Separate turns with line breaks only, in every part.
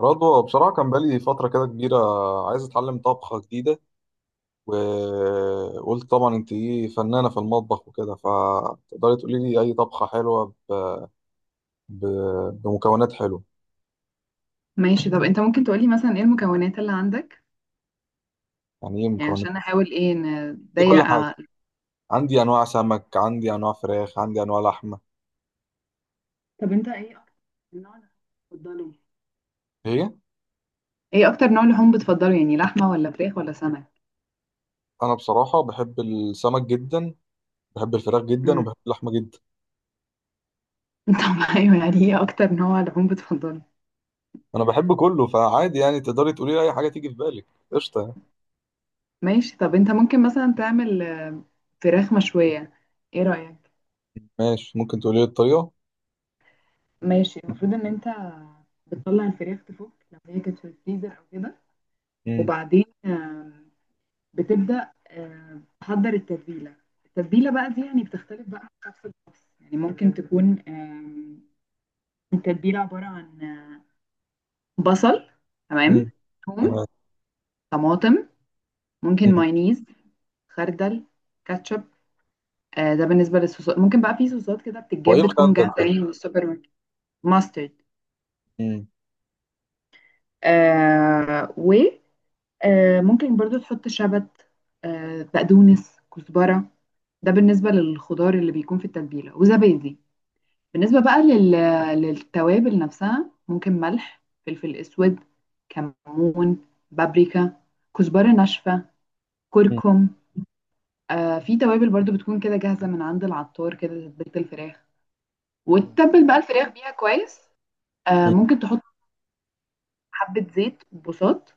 رضوى، بصراحة كان بقالي فترة كده كبيرة عايز أتعلم طبخة جديدة، وقلت طبعا أنت إيه فنانة في المطبخ وكده، فتقدري تقولي لي أي طبخة حلوة ب... بمكونات حلوة.
ماشي. طب انت ممكن تقولي مثلا ايه المكونات اللي عندك؟
يعني إيه
يعني
مكونات؟
عشان احاول ايه
دي
نضيق
كل حاجة. عندي أنواع سمك، عندي أنواع فراخ، عندي أنواع لحمة.
طب انت ايه اكتر النوع اللي بتفضله؟
هي
ايه اكتر نوع لحوم بتفضله، يعني لحمة ولا فراخ ولا سمك؟
أنا بصراحة بحب السمك جدا، بحب الفراخ جدا،
امم
وبحب اللحمة جدا.
طب ايوه، يعني ايه اكتر نوع لحوم بتفضله؟
أنا بحب كله فعادي، يعني تقدري تقولي لي أي حاجة تيجي في بالك، قشطة يعني.
ماشي. طب انت ممكن مثلا تعمل فراخ مشوية، ايه رأيك؟
ماشي، ممكن تقولي لي الطريقة؟
ماشي. المفروض ان انت بتطلع الفراخ تفك لو هي كانت في الفريزر او كده.
مم.
وبعدين بتبدأ تحضر التتبيلة. التتبيلة بقى دي يعني بتختلف بقى من شخص لشخص، يعني ممكن تكون التتبيلة عبارة عن بصل. تمام.
مم.
ثوم،
تمام.
طماطم، ممكن مايونيز، خردل، كاتشب. ده بالنسبة للصوصات ممكن بقى في صوصات كده
هو ايه
بتتجاب بتكون
الخردل
جاهزة
ده؟
يعني من السوبر ماركت. ماسترد.
مم.
آه وممكن برضو تحط شبت، بقدونس، كزبرة. ده بالنسبة للخضار اللي بيكون في التتبيلة وزبادي. بالنسبة بقى للتوابل نفسها ممكن ملح، فلفل اسود، كمون، بابريكا، كزبرة ناشفة،
مم.
كركم. في توابل برضو بتكون كده جاهزة من عند العطار، كده تتبيلة الفراخ،
مم.
وتتبل بقى الفراخ بيها كويس.
مم.
ممكن تحط حبة زيت بساط.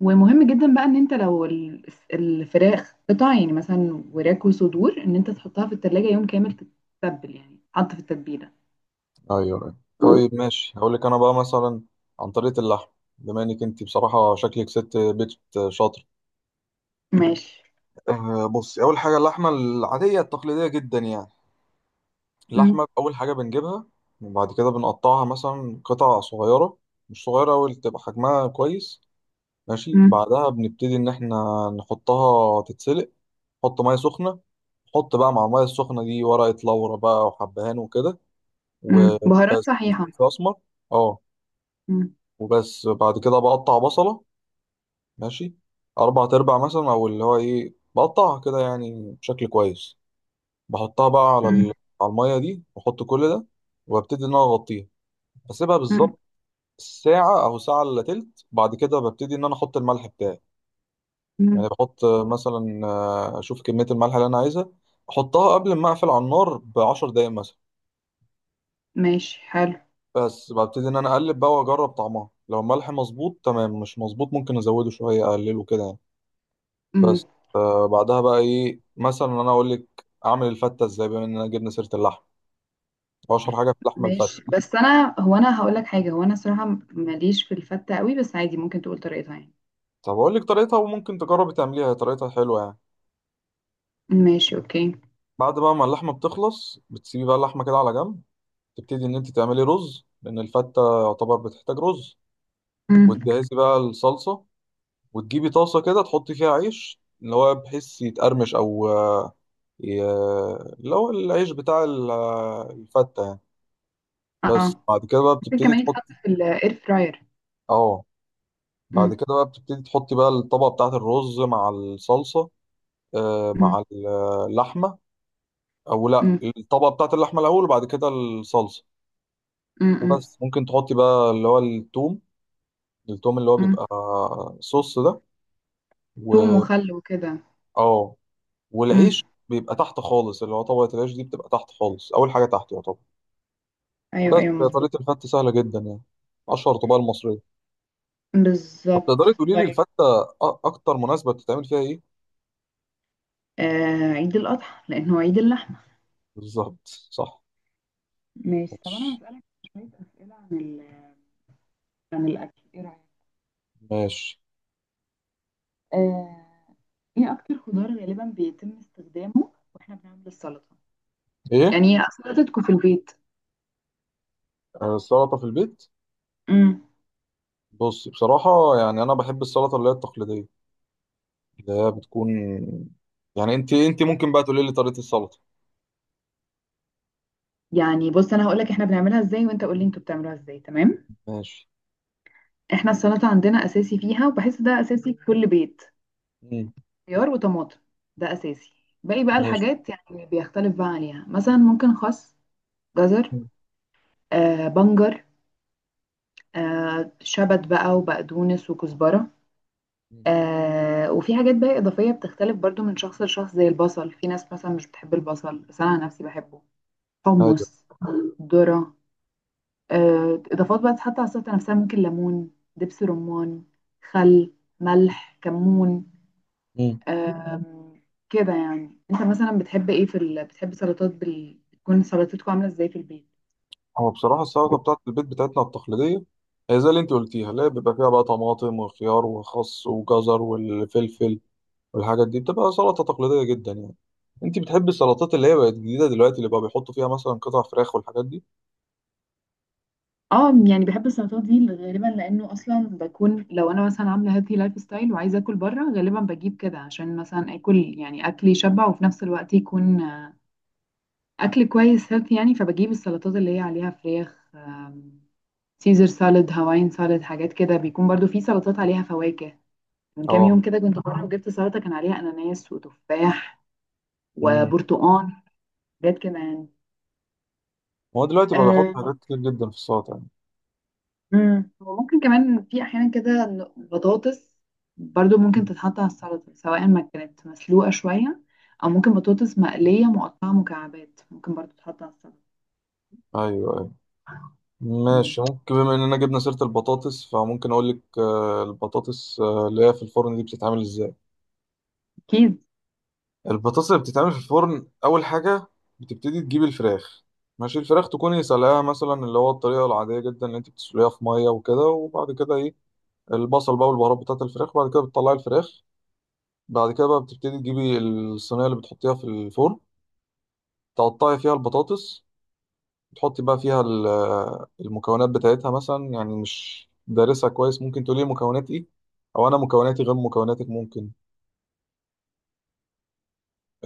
ومهم جدا بقى ان انت لو الفراخ قطع يعني مثلا وراك وصدور ان انت تحطها في التلاجة يوم كامل. تتبل يعني حط في التتبيلة.
ايوه، أيوة. طيب ماشي، هقول لك انا بقى مثلا عن طريقه اللحم، بما انك انت بصراحه شكلك ست بيت شاطر.
ماشي.
أه، بصي، اول حاجه اللحمه العاديه التقليديه جدا يعني، اللحمه اول حاجه بنجيبها، وبعد كده بنقطعها مثلا قطع صغيره، مش صغيره أوي تبقى حجمها كويس. ماشي،
مم.
بعدها بنبتدي ان احنا نحطها تتسلق، نحط ميه سخنه، نحط بقى مع الميه السخنه دي ورقه لورا بقى وحبهان وكده، وبس.
مم. بهارات صحيحة.
فلفل اسمر، اه.
مم.
وبس، بعد كده بقطع بصله، ماشي، اربع تربع مثلا، او اللي هو ايه بقطعها كده يعني بشكل كويس، بحطها بقى على
مم.
على الميه دي، واحط كل ده، وببتدي ان انا اغطيها، بسيبها
مم.
بالظبط ساعة أو ساعة إلا تلت. بعد كده ببتدي إن أنا أحط الملح بتاعي، يعني
مم.
بحط مثلا، أشوف كمية الملح اللي أنا عايزها، أحطها قبل ما أقفل على النار بـ10 دقايق مثلا.
ماشي، حلو.
بس ببتدي ان انا اقلب بقى واجرب طعمها، لو الملح مظبوط تمام، مش مظبوط ممكن ازوده شويه، اقلله كده يعني.
مم.
بس، بعدها بقى ايه، مثلا انا اقول لك اعمل الفته ازاي، بما اننا جبنا سيره اللحم، اشهر حاجه في اللحمه
ماشي.
الفته.
بس هو انا هقول لك حاجة، هو انا صراحة ماليش في الفتة قوي، بس عادي ممكن تقول طريقتها يعني.
طب اقول لك طريقتها، وممكن تجربي تعمليها، هي طريقتها حلوه يعني.
ماشي، اوكي.
بعد بقى ما اللحمه بتخلص بتسيبي بقى اللحمه كده على جنب، تبتدي ان انت تعملي رز لان الفته يعتبر بتحتاج رز،
مم.
وتجهزي بقى الصلصه، وتجيبي طاسه كده تحطي فيها عيش اللي هو بحيث يتقرمش، او ي- اللي هو العيش بتاع الفتة يعني. بس
اه،
بعد كده بقى
ممكن
بتبتدي
كمان
تحط.
يتحط في الاير فراير.
اه، بعد
مم.
كده بقى بتبتدي تحطي بقى الطبقة بتاعة الرز مع الصلصة،
مم.
مع اللحمة. أو لأ،
مم.
الطبقة بتاعة اللحمة الأول وبعد كده الصلصة.
مم. مم.
وبس، ممكن تحطي بقى اللي هو التوم. التوم اللي هو
مم.
بيبقى صوص ده.
توم
و
وخل وكده.
اه
مم.
والعيش بيبقى تحت خالص، اللي هو طبقة العيش دي بتبقى تحت خالص، أول حاجة تحت يعتبر.
ايوه،
بس،
ايوه، مظبوط.
طريقة الفتة سهلة جدا يعني، أشهر طبقة المصرية. طب
بالظبط.
تقدري تقولي لي
طيب،
الفتة أكتر مناسبة بتتعمل فيها إيه؟
عيد الاضحى لانه عيد اللحم.
بالظبط، صح.
ماشي. طب انا
ماشي.
هسألك شوية اسئلة عن عن الاكل، ايه رأيك؟
ماشي.
آه، ايه اكتر خضار غالبا بيتم استخدامه واحنا بنعمل السلطه؟
إيه؟
يعني ايه سلطتكم في البيت؟
السلطة في البيت؟
امم
بص، بصراحة يعني أنا بحب السلطة اللي هي التقليدية، اللي هي بتكون يعني، أنت ممكن بقى تقولي لي طريقة السلطة.
يعني بص، انا هقول لك احنا بنعملها ازاي وانت قول لي انتوا بتعملوها ازاي، تمام؟
ماشي.
احنا السلطه عندنا اساسي فيها، وبحس ده اساسي في كل بيت.
مم.
خيار وطماطم، ده اساسي. باقي بقى
ماشي.
الحاجات يعني بيختلف بقى عليها، مثلا ممكن خس، جزر،
مم.
بنجر، شبت بقى وبقدونس وكزبره.
مم.
وفي حاجات بقى إضافية بتختلف برضو من شخص لشخص، زي البصل، في ناس مثلا مش بتحب البصل بس أنا عن نفسي بحبه.
أيوه.
حمص، ذرة. إضافات بقى تتحط على السلطة نفسها، ممكن ليمون، دبس رمان، خل، ملح، كمون.
مم.
آم، كده يعني أنت مثلا بتحب إيه في بتحب سلطات تكون سلطتكم عاملة إزاي في البيت؟
هو بصراحة السلطة بتاعت البيت بتاعتنا التقليدية هي زي اللي أنت قلتيها، اللي هي بيبقى فيها بقى طماطم وخيار وخس وجزر والفلفل والحاجات دي، بتبقى سلطة تقليدية جدا يعني. انت بتحبي السلطات اللي هي بقت جديدة دلوقتي اللي بقى بيحطوا فيها مثلا قطع فراخ والحاجات دي؟
اه، يعني بحب السلطات دي غالبا لانه اصلا بكون لو انا مثلا عامله هيلثي لايف ستايل وعايزه اكل بره غالبا بجيب كده، عشان مثلا اكل يعني اكل يشبع وفي نفس الوقت يكون اكل كويس هيلثي يعني. فبجيب السلطات اللي هي عليها فراخ، سيزر سالاد، هواين سالاد، حاجات كده. بيكون برضو في سلطات عليها فواكه، من كام
اه.
يوم كده كنت بروح جبت سلطه كان عليها اناناس وتفاح
امم.
وبرتقان، حاجات كده يعني.
هو دلوقتي بقى بيحط
آه،
حاجات كتير جدا في السلطة يعني.
وممكن كمان في احيانا كده إن بطاطس برضو ممكن
مم.
تتحط على السلطه، سواء ما كانت مسلوقه شويه، او ممكن بطاطس مقليه مقطعه مكعبات ممكن برضو تتحط على السلطه.
ايوه، ايوه.
مم.
ماشي، ممكن بما اننا جبنا سيرة البطاطس فممكن اقول لك، البطاطس، اللي هي في الفرن دي بتتعمل ازاي.
أكيد.
البطاطس اللي بتتعمل في الفرن، اول حاجة بتبتدي تجيب الفراخ، ماشي الفراخ تكوني سلقاها مثلا، اللي هو الطريقة العادية جدا اللي انت بتسلقيها في مية وكده، وبعد كده ايه البصل بقى والبهارات بتاعت الفراخ، وبعد كده بتطلعي الفراخ. بعد كده بقى بتبتدي تجيبي الصينية اللي بتحطيها في الفرن، تقطعي فيها البطاطس، تحطي بقى فيها المكونات بتاعتها، مثلا يعني مش دارسها كويس، ممكن تقولي مكونات ايه، او انا مكوناتي غير مكوناتك، ممكن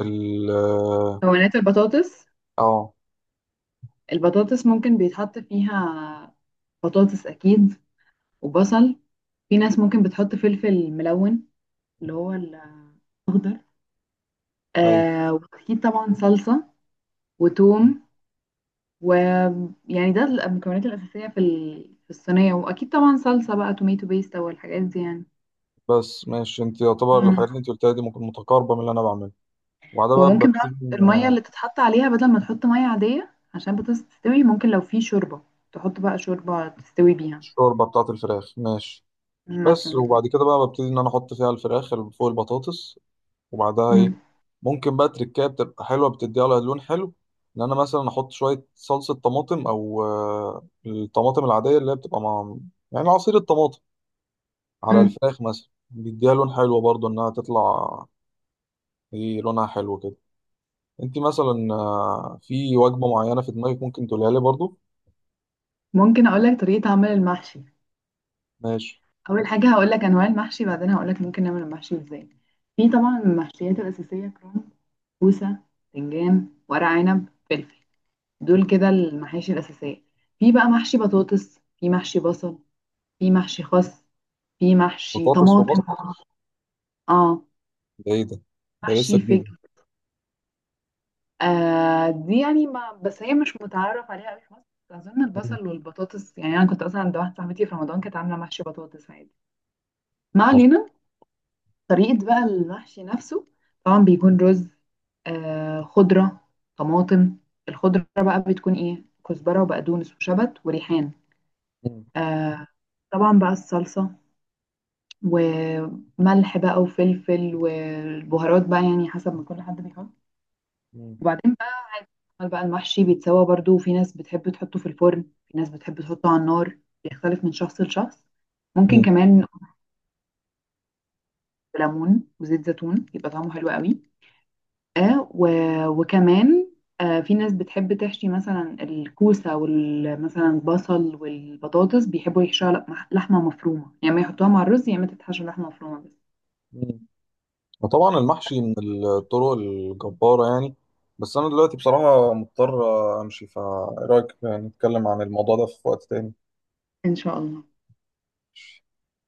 ال
مكونات البطاطس،
اه.
البطاطس ممكن بيتحط فيها بطاطس اكيد، وبصل. في ناس ممكن بتحط فلفل ملون اللي هو الاخضر.
ايوه،
واكيد طبعا صلصه وتوم. ويعني ده المكونات الأساسية في في الصينية، وأكيد طبعا صلصة بقى توميتو بيست أو الحاجات دي يعني.
بس ماشي، انت يعتبر
مم.
الحاجات اللي انت قلتها دي ممكن متقاربة من اللي انا بعمله، وبعدها بقى
وممكن بقى
ببتدي
المية اللي تتحط عليها، بدل ما تحط مية عادية عشان بطاطس تستوي، ممكن لو في شوربة تحط بقى شوربة تستوي بيها
الشوربة بتاعة الفراخ، ماشي. بس،
مثلا.
وبعد كده بقى ببتدي ان انا احط فيها الفراخ اللي فوق البطاطس. وبعدها
مم.
ايه، ممكن بقى تركايه بتبقى حلوه بتديها لها لون حلو، ان انا مثلا احط شويه صلصه طماطم او الطماطم العاديه اللي هي بتبقى مع، يعني عصير الطماطم، على
مم.
الفراخ مثلا بيديها لون حلو برضو انها تطلع ايه لونها حلو كده. انت مثلا، في وجبه معينه في دماغك، ممكن تقولها لي برضو.
ممكن أقولك طريقة عمل المحشي.
ماشي.
أول حاجة هقولك أنواع المحشي، بعدين هقولك ممكن نعمل المحشي إزاي. في طبعا المحشيات الأساسية: كرنب، كوسة، باذنجان، ورق عنب، فلفل. دول
مم.
كده المحاشي الأساسية. في بقى محشي بطاطس، في محشي بصل، في محشي خس، في محشي
بطاطس
طماطم.
وبصل؟
اه.
ده ايه ده؟ ده
محشي
لسه جديد.
فجل. دي يعني ما بس هي مش متعارف عليها قوي في مصر. أظن
مم.
البصل والبطاطس، يعني أنا كنت أصلا عند واحدة صاحبتي في رمضان كانت عاملة محشي بطاطس عادي. ما علينا. طريقة بقى المحشي نفسه، طبعا بيكون رز، خضرة، طماطم. الخضرة بقى بتكون إيه؟ كزبرة وبقدونس وشبت وريحان.
مم.
آه طبعا بقى الصلصة، وملح بقى وفلفل والبهارات بقى يعني حسب ما كل حد بيحط.
مم.
وبعدين بقى عمل بقى المحشي بيتسوى، برضو في ناس بتحب تحطه في الفرن، في ناس بتحب تحطه على النار، بيختلف من شخص لشخص. ممكن
مم.
كمان ليمون وزيت زيتون يبقى طعمه حلو قوي. آه و... وكمان في ناس بتحب تحشي مثلا الكوسة، ومثلا البصل والبطاطس بيحبوا يحشوها لحمة مفرومة، يعني ما يحطوها مع الرز، يا اما تتحشى لحمة مفرومة بس.
مم. وطبعا المحشي من الطرق الجبارة يعني، بس أنا دلوقتي بصراحة مضطر أمشي، فإيه رأيك نتكلم عن الموضوع ده في وقت تاني.
إن شاء الله.